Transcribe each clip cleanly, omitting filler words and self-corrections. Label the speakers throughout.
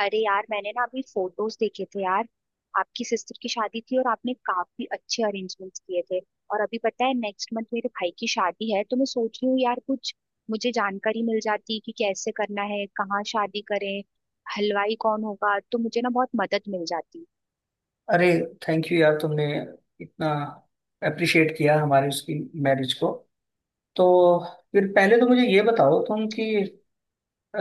Speaker 1: अरे यार मैंने ना अभी फोटोज देखे थे यार। आपकी सिस्टर की शादी थी और आपने काफी अच्छे अरेंजमेंट्स किए थे। और अभी पता है नेक्स्ट मंथ मेरे भाई की शादी है, तो मैं सोच रही हूँ यार कुछ मुझे जानकारी मिल जाती कि कैसे करना है, कहाँ शादी करें, हलवाई कौन होगा, तो मुझे ना बहुत मदद मिल जाती।
Speaker 2: अरे, थैंक यू यार, तुमने इतना अप्रिशिएट किया हमारी उसकी मैरिज को। तो फिर पहले तो मुझे ये बताओ तुम कि अ,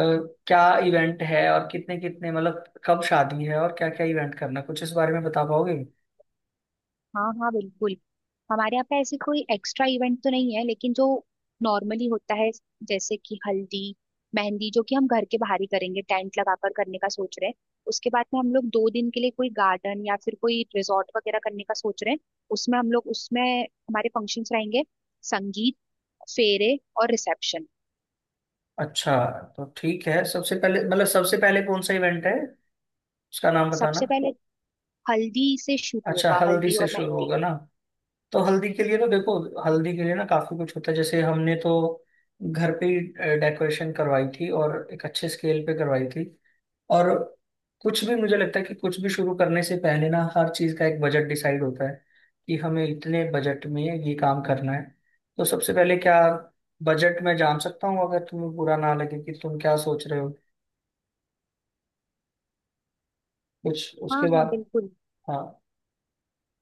Speaker 2: क्या इवेंट है और कितने कितने मतलब कब शादी है और क्या क्या इवेंट करना है? कुछ इस बारे में बता पाओगे।
Speaker 1: हाँ हाँ बिल्कुल। हमारे यहाँ पे ऐसी कोई एक्स्ट्रा इवेंट तो नहीं है, लेकिन जो नॉर्मली होता है जैसे कि हल्दी मेहंदी, जो कि हम घर के बाहर ही करेंगे, टेंट लगाकर करने का सोच रहे हैं। उसके बाद में हम लोग दो दिन के लिए कोई गार्डन या फिर कोई रिजॉर्ट वगैरह करने का सोच रहे हैं। उसमें हम लोग, उसमें हमारे फंक्शंस रहेंगे, संगीत, फेरे और रिसेप्शन।
Speaker 2: अच्छा, तो ठीक है, सबसे पहले मतलब सबसे पहले कौन सा इवेंट है उसका नाम बताना।
Speaker 1: सबसे पहले हल्दी से शुरू
Speaker 2: अच्छा,
Speaker 1: होगा,
Speaker 2: हल्दी
Speaker 1: हल्दी
Speaker 2: से
Speaker 1: और
Speaker 2: शुरू
Speaker 1: मेहंदी।
Speaker 2: होगा ना। तो हल्दी के लिए तो देखो, हल्दी के लिए ना काफी कुछ होता है। जैसे हमने तो घर पे ही डेकोरेशन करवाई थी और एक अच्छे स्केल पे करवाई थी। और कुछ भी, मुझे लगता है कि कुछ भी शुरू करने से पहले ना हर चीज का एक बजट डिसाइड होता है कि हमें इतने बजट में ये काम करना है। तो सबसे पहले क्या बजट मैं जान सकता हूँ, अगर तुम्हें बुरा ना लगे, कि तुम क्या सोच रहे हो कुछ
Speaker 1: हाँ
Speaker 2: उसके
Speaker 1: हाँ
Speaker 2: बाद।
Speaker 1: बिल्कुल।
Speaker 2: हाँ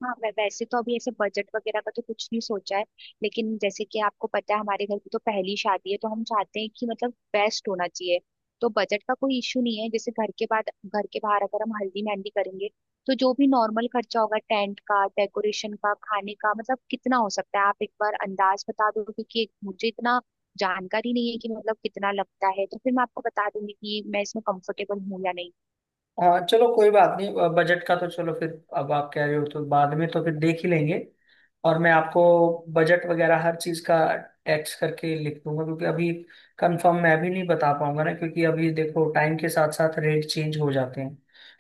Speaker 1: हाँ वैसे तो अभी ऐसे बजट वगैरह का तो कुछ नहीं सोचा है, लेकिन जैसे कि आपको पता है हमारे घर की तो पहली शादी है, तो हम चाहते हैं कि मतलब बेस्ट होना चाहिए। तो बजट का कोई इशू नहीं है। जैसे घर के बाद, घर के बाहर अगर हम हल्दी मेहंदी करेंगे तो जो भी नॉर्मल खर्चा होगा, टेंट का, डेकोरेशन का, खाने का, मतलब कितना हो सकता है आप एक बार अंदाज बता दो, क्योंकि मुझे इतना जानकारी नहीं है कि मतलब कितना लगता है। तो फिर मैं आपको बता दूंगी कि मैं इसमें कंफर्टेबल हूँ या नहीं।
Speaker 2: हाँ, चलो कोई बात नहीं, बजट का तो चलो फिर, अब आप कह रहे हो तो बाद में तो फिर देख ही लेंगे। और मैं आपको बजट वगैरह हर चीज़ का टैक्स करके लिख दूंगा क्योंकि अभी कंफर्म मैं भी नहीं बता पाऊंगा ना, क्योंकि अभी देखो टाइम के साथ साथ रेट चेंज हो जाते हैं।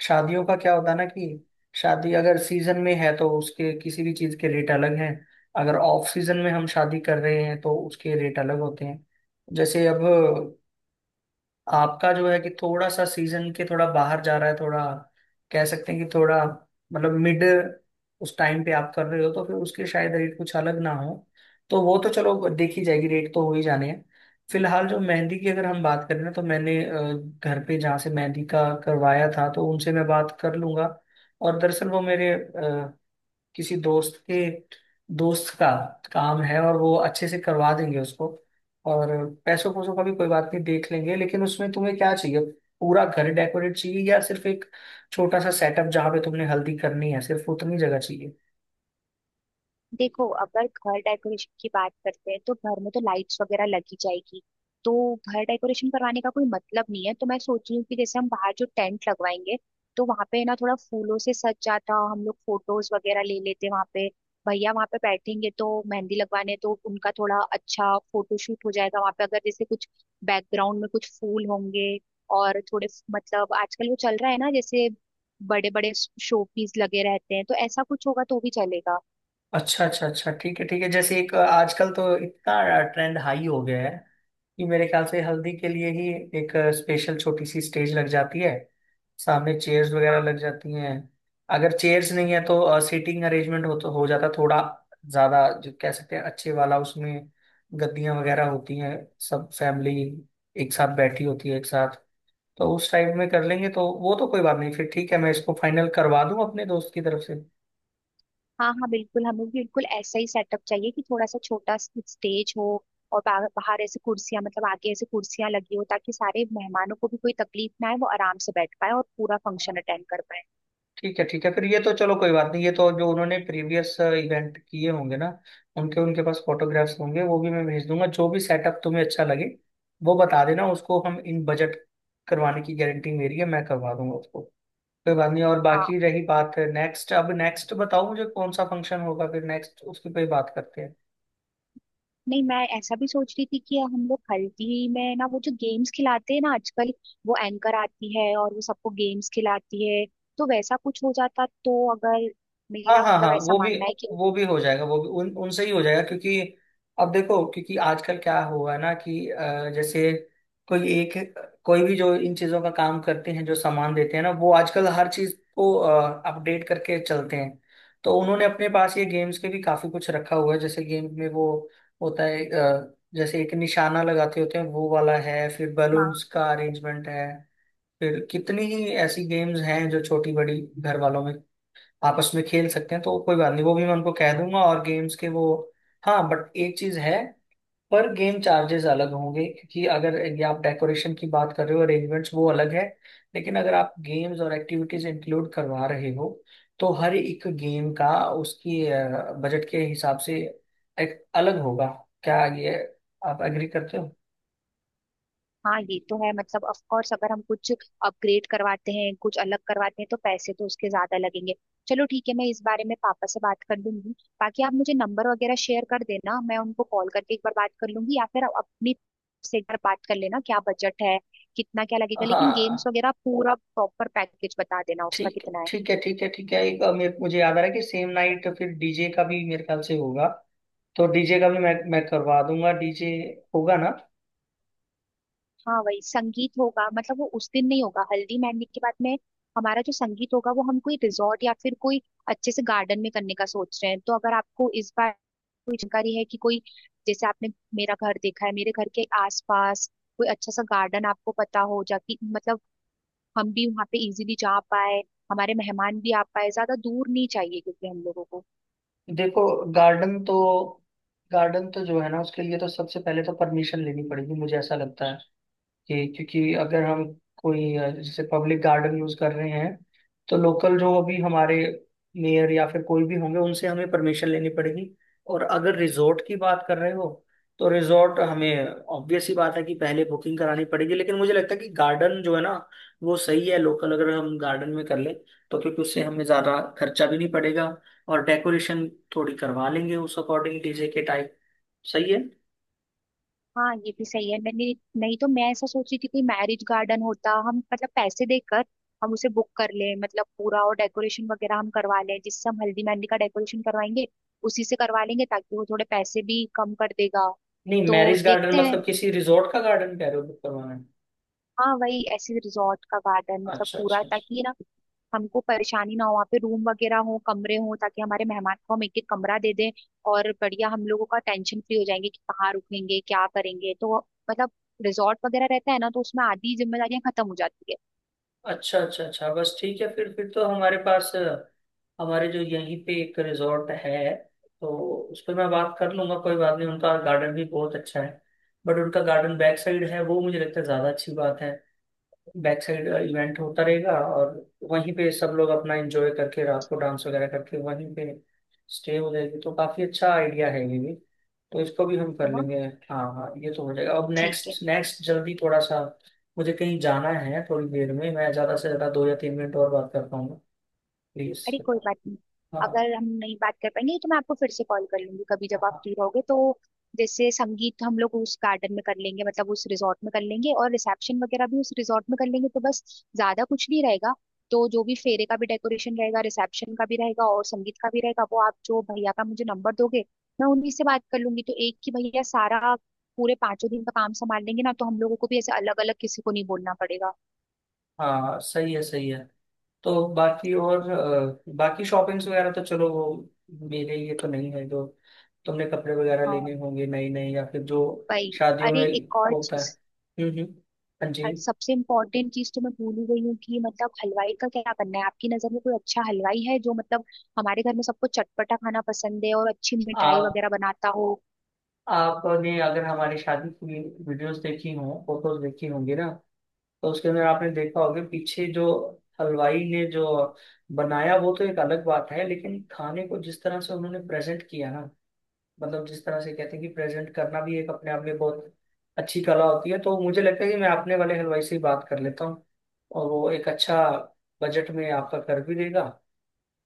Speaker 2: शादियों का क्या होता है ना कि शादी अगर सीजन में है तो उसके किसी भी चीज़ के रेट अलग हैं। अगर ऑफ सीजन में हम शादी कर रहे हैं तो उसके रेट अलग होते हैं। जैसे अब आपका जो है कि थोड़ा सा सीजन के थोड़ा बाहर जा रहा है, थोड़ा कह सकते हैं कि थोड़ा मतलब मिड, उस टाइम पे आप कर रहे हो तो फिर उसके शायद रेट कुछ अलग ना हो। तो वो तो चलो देखी जाएगी, रेट तो हो ही जाने हैं। फिलहाल जो मेहंदी की अगर हम बात करें ना, तो मैंने घर पे जहाँ से मेहंदी का करवाया था तो उनसे मैं बात कर लूंगा। और दरअसल वो मेरे किसी दोस्त के दोस्त का काम है और वो अच्छे से करवा देंगे उसको। और पैसों पैसों का भी कोई बात नहीं, देख लेंगे, लेकिन उसमें तुम्हें क्या चाहिए? पूरा घर डेकोरेट चाहिए या सिर्फ एक छोटा सा सेटअप जहाँ पे तुमने हल्दी करनी है, सिर्फ उतनी जगह चाहिए?
Speaker 1: देखो अगर घर डेकोरेशन की बात करते हैं तो घर में तो लाइट्स वगैरह लगी जाएगी, तो घर डेकोरेशन करवाने का कोई मतलब नहीं है। तो मैं सोच रही हूँ कि जैसे हम बाहर जो टेंट लगवाएंगे, तो वहां पे ना थोड़ा फूलों से सज जाता, हम लोग फोटोज वगैरह ले लेते वहां पे। भैया वहां पे बैठेंगे तो मेहंदी लगवाने, तो उनका थोड़ा अच्छा फोटोशूट हो जाएगा वहां पे, अगर जैसे कुछ बैकग्राउंड में कुछ फूल होंगे और थोड़े, मतलब आजकल वो चल रहा है ना जैसे बड़े बड़े शोपीस लगे रहते हैं, तो ऐसा कुछ होगा तो भी चलेगा।
Speaker 2: अच्छा अच्छा अच्छा, ठीक है ठीक है, जैसे एक आजकल तो इतना ट्रेंड हाई हो गया है कि मेरे ख्याल से हल्दी के लिए ही एक स्पेशल छोटी सी स्टेज लग जाती है। सामने चेयर्स वगैरह लग जाती हैं। अगर चेयर्स नहीं है तो सीटिंग अरेंजमेंट हो तो हो जाता, थोड़ा ज़्यादा जो कह सकते हैं अच्छे वाला, उसमें गद्दियाँ वगैरह होती हैं। सब फैमिली एक साथ बैठी होती है, एक साथ। तो उस टाइप में कर लेंगे तो वो तो कोई बात नहीं, फिर ठीक है, मैं इसको फाइनल करवा दूं अपने दोस्त की तरफ से।
Speaker 1: हाँ हाँ बिल्कुल, हमें भी बिल्कुल ऐसा ही सेटअप चाहिए कि थोड़ा सा छोटा स्टेज हो और बाहर ऐसे कुर्सियां, मतलब आगे ऐसे कुर्सियां लगी हो ताकि सारे मेहमानों को भी कोई तकलीफ ना आए, वो आराम से बैठ पाए और पूरा फंक्शन अटेंड कर पाए।
Speaker 2: ठीक है ठीक है, फिर ये तो चलो कोई बात नहीं, ये तो जो उन्होंने प्रीवियस इवेंट किए होंगे ना उनके उनके पास फोटोग्राफ्स होंगे, वो भी मैं भेज दूंगा। जो भी सेटअप तुम्हें अच्छा लगे वो बता देना, उसको हम इन बजट करवाने की गारंटी मेरी है, मैं करवा दूंगा उसको, कोई बात नहीं। और
Speaker 1: हाँ,
Speaker 2: बाकी रही बात नेक्स्ट, अब नेक्स्ट बताओ मुझे कौन सा फंक्शन होगा, फिर नेक्स्ट उसकी पे ही बात करते हैं।
Speaker 1: नहीं मैं ऐसा भी सोच रही थी कि हम लोग हल्दी में ना वो जो गेम्स खिलाते हैं ना आजकल, वो एंकर आती है और वो सबको गेम्स खिलाती है, तो वैसा कुछ हो जाता तो, अगर
Speaker 2: हाँ
Speaker 1: मेरा
Speaker 2: हाँ
Speaker 1: मतलब
Speaker 2: हाँ,
Speaker 1: ऐसा
Speaker 2: वो भी
Speaker 1: मानना है कि।
Speaker 2: वो भी हो जाएगा, वो भी उन उनसे ही हो जाएगा, क्योंकि अब देखो, क्योंकि आजकल क्या हुआ है ना कि जैसे कोई एक कोई भी जो इन चीजों का काम करते हैं, जो सामान देते हैं ना, वो आजकल हर चीज को अपडेट करके चलते हैं। तो उन्होंने अपने पास ये गेम्स के भी काफी कुछ रखा हुआ है। जैसे गेम में वो होता है जैसे एक निशाना लगाते होते हैं वो वाला है, फिर
Speaker 1: हाँ
Speaker 2: बलून्स का अरेंजमेंट है, फिर कितनी ही ऐसी गेम्स हैं जो छोटी बड़ी घर वालों में आपस में खेल सकते हैं। तो कोई बात नहीं, वो भी मैं उनको कह दूंगा, और गेम्स के वो, हाँ बट एक चीज है, पर गेम चार्जेस अलग होंगे। क्योंकि अगर ये आप डेकोरेशन की बात कर रहे हो, अरेंजमेंट्स, वो अलग है। लेकिन अगर आप गेम्स और एक्टिविटीज इंक्लूड करवा रहे हो तो हर एक गेम का, उसकी बजट के हिसाब से, एक अलग होगा। क्या ये आप एग्री करते हो?
Speaker 1: हाँ ये तो है, मतलब ऑफ कोर्स अगर हम कुछ अपग्रेड करवाते हैं, कुछ अलग करवाते हैं तो पैसे तो उसके ज्यादा लगेंगे। चलो ठीक है, मैं इस बारे में पापा से बात कर लूंगी। बाकी आप मुझे नंबर वगैरह शेयर कर देना, मैं उनको कॉल करके एक बार बात कर लूंगी, या फिर आप अपनी से एक बार बात कर लेना क्या बजट है, कितना क्या लगेगा। लेकिन गेम्स
Speaker 2: हाँ,
Speaker 1: वगैरह पूरा प्रॉपर पैकेज बता देना उसका
Speaker 2: ठीक है
Speaker 1: कितना है।
Speaker 2: ठीक है ठीक है ठीक है, एक मुझे याद आ रहा है कि सेम नाइट फिर डीजे का भी मेरे ख्याल से होगा। तो डीजे का भी मैं करवा दूंगा, डीजे होगा ना।
Speaker 1: हाँ वही संगीत होगा, मतलब वो उस दिन नहीं होगा। हल्दी मेहंदी के बाद में हमारा जो संगीत होगा, वो हम कोई रिजॉर्ट या फिर कोई अच्छे से गार्डन में करने का सोच रहे हैं। तो अगर आपको इस बार कोई जानकारी है कि कोई, जैसे आपने मेरा घर देखा है, मेरे घर के आसपास कोई अच्छा सा गार्डन आपको पता हो, जाकि मतलब हम भी वहाँ पे इजीली जा पाए, हमारे मेहमान भी आ पाए, ज्यादा दूर नहीं चाहिए क्योंकि हम लोगों को।
Speaker 2: देखो, गार्डन तो गार्डन तो जो है ना उसके लिए तो सबसे पहले तो परमिशन लेनी पड़ेगी, मुझे ऐसा लगता है। कि क्योंकि अगर हम कोई जैसे पब्लिक गार्डन यूज कर रहे हैं, तो लोकल जो अभी हमारे मेयर या फिर कोई भी होंगे उनसे हमें परमिशन लेनी पड़ेगी। और अगर रिजॉर्ट की बात कर रहे हो तो रिजॉर्ट, हमें ऑब्वियस ही बात है कि पहले बुकिंग करानी पड़ेगी। लेकिन मुझे लगता है कि गार्डन जो है ना, वो सही है, लोकल अगर हम गार्डन में कर ले तो, क्योंकि उससे हमें ज्यादा खर्चा भी नहीं पड़ेगा, और डेकोरेशन थोड़ी करवा लेंगे उस अकॉर्डिंग डीजे के टाइप, सही है।
Speaker 1: हाँ ये भी सही है। मैंने, नहीं तो मैं ऐसा सोच रही थी कोई मैरिज गार्डन होता, हम मतलब पैसे देकर हम उसे बुक कर लें, मतलब पूरा, और डेकोरेशन वगैरह हम करवा लें। जिससे हम हल्दी मेहंदी का डेकोरेशन करवाएंगे उसी से करवा लेंगे, ताकि वो थोड़े पैसे भी कम कर देगा।
Speaker 2: नहीं,
Speaker 1: तो
Speaker 2: मैरिज गार्डन
Speaker 1: देखते हैं।
Speaker 2: मतलब किसी रिजॉर्ट का गार्डन कह रहे हो बुक करवाना है?
Speaker 1: हाँ वही, ऐसे रिजॉर्ट का गार्डन, मतलब
Speaker 2: अच्छा
Speaker 1: पूरा,
Speaker 2: अच्छा अच्छा,
Speaker 1: ताकि ना हमको परेशानी ना हो, वहाँ पे रूम वगैरह हो, कमरे हो, ताकि हमारे मेहमान को हम एक एक कमरा दे दें, और बढ़िया हम लोगों का टेंशन फ्री हो जाएंगे कि कहाँ रुकेंगे, क्या करेंगे। तो मतलब रिजॉर्ट वगैरह रहता है ना, तो उसमें आधी जिम्मेदारियां खत्म हो जाती है।
Speaker 2: अच्छा अच्छा अच्छा, बस ठीक है। फिर तो हमारे पास हमारे जो यहीं पे एक रिजॉर्ट है, तो उस पर मैं बात कर लूंगा, कोई बात नहीं। उनका गार्डन भी बहुत अच्छा है, बट उनका गार्डन बैक साइड है, वो मुझे लगता है ज़्यादा अच्छी बात है। बैक साइड इवेंट होता रहेगा और वहीं पे सब लोग अपना एंजॉय करके रात को डांस वगैरह करके वहीं पे स्टे हो जाएगी, तो काफी अच्छा आइडिया है ये भी, तो इसको भी हम
Speaker 1: है
Speaker 2: कर
Speaker 1: ना।
Speaker 2: लेंगे। हाँ हाँ, ये तो हो जाएगा, अब
Speaker 1: ठीक है।
Speaker 2: नेक्स्ट, नेक्स्ट जल्दी थोड़ा सा, मुझे कहीं जाना है थोड़ी देर में। मैं ज्यादा से ज्यादा 2 या 3 मिनट और बात कर पाऊंगा, प्लीज।
Speaker 1: अरे कोई बात नहीं,
Speaker 2: हाँ
Speaker 1: अगर हम नहीं बात कर पाएंगे तो मैं आपको फिर से कॉल कर लूंगी कभी, जब आप
Speaker 2: हाँ
Speaker 1: फ्री रहोगे तो। जैसे संगीत हम लोग उस गार्डन में कर लेंगे, मतलब उस रिजॉर्ट में कर लेंगे, और रिसेप्शन वगैरह भी उस रिजॉर्ट में कर लेंगे, तो बस ज्यादा कुछ नहीं रहेगा। तो जो भी फेरे का भी डेकोरेशन रहेगा, रिसेप्शन का भी रहेगा और संगीत का भी रहेगा, वो आप जो भैया का मुझे नंबर दोगे, मैं उन्हीं से बात कर लूंगी, तो एक ही भैया सारा पूरे पांचों दिन का काम संभाल लेंगे ना, तो हम लोगों को भी ऐसे अलग अलग किसी को नहीं बोलना पड़ेगा।
Speaker 2: हाँ, सही है सही है। तो बाकी और बाकी शॉपिंग्स वगैरह तो चलो वो मेरे लिए तो नहीं है, जो तुमने कपड़े वगैरह लेने
Speaker 1: हाँ
Speaker 2: होंगे नए नए, या फिर जो
Speaker 1: भाई।
Speaker 2: शादियों
Speaker 1: अरे
Speaker 2: में
Speaker 1: एक और
Speaker 2: होता है।
Speaker 1: चीज,
Speaker 2: हम्म, हाँ जी।
Speaker 1: और सबसे इम्पोर्टेंट चीज तो मैं भूल ही गई हूँ, कि मतलब हलवाई का क्या बनना है। आपकी नजर में कोई अच्छा हलवाई है जो मतलब, हमारे घर में सबको चटपटा खाना पसंद है और अच्छी मिठाई
Speaker 2: आप
Speaker 1: वगैरह बनाता हो।
Speaker 2: आपने अगर हमारी शादी की वीडियोस देखी हों, फोटोज देखी होंगी ना, तो उसके अंदर आपने देखा होगा पीछे जो हलवाई ने जो बनाया, वो तो एक अलग बात है, लेकिन खाने को जिस तरह से उन्होंने प्रेजेंट किया ना, मतलब जिस तरह से कहते हैं कि प्रेजेंट करना भी एक अपने आप में बहुत अच्छी कला होती है। तो मुझे लगता है कि मैं अपने वाले हलवाई से ही बात कर लेता हूँ, और वो एक अच्छा बजट में आपका कर भी देगा।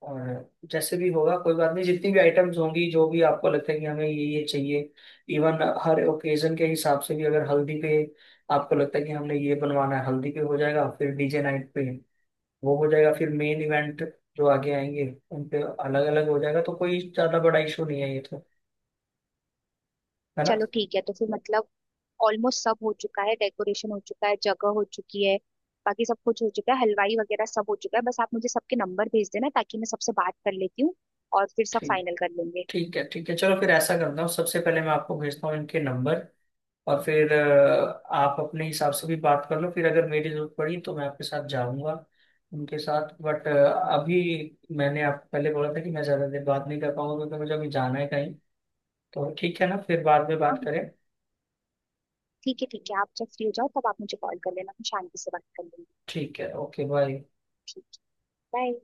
Speaker 2: और जैसे भी होगा कोई बात नहीं, जितनी भी आइटम्स होंगी, जो भी आपको लगता है कि हमें ये चाहिए, इवन हर ओकेजन के हिसाब से भी, अगर हल्दी पे आपको लगता है कि हमने ये बनवाना है, हल्दी पे हो जाएगा, फिर डीजे नाइट पे वो हो जाएगा, फिर मेन इवेंट जो आगे आएंगे उन पे अलग अलग हो जाएगा, तो कोई ज्यादा बड़ा इशू नहीं है ये तो, है ना।
Speaker 1: चलो ठीक है, तो फिर मतलब ऑलमोस्ट सब हो चुका है, डेकोरेशन हो चुका है, जगह हो चुकी है, बाकी सब कुछ हो चुका है, हलवाई वगैरह सब हो चुका है। बस आप मुझे सबके नंबर भेज देना ताकि मैं सबसे बात कर लेती हूँ, और फिर सब फाइनल
Speaker 2: ठीक,
Speaker 1: कर लेंगे।
Speaker 2: ठीक है ठीक है, चलो फिर ऐसा करता हूँ, सबसे पहले मैं आपको भेजता हूँ इनके नंबर, और फिर आप अपने हिसाब से भी बात कर लो, फिर अगर मेरी जरूरत पड़ी तो मैं आपके साथ जाऊंगा उनके साथ। बट अभी मैंने आपको पहले बोला था कि मैं ज़्यादा देर बात नहीं कर पाऊंगा क्योंकि मुझे अभी जाना है कहीं, तो ठीक है ना, फिर बाद में
Speaker 1: हाँ
Speaker 2: बात करें।
Speaker 1: ठीक है ठीक है, आप जब फ्री हो जाओ तब आप मुझे कॉल कर लेना, हम शांति से बात कर लेंगे।
Speaker 2: ठीक है, ओके बाय।
Speaker 1: ठीक है। बाय।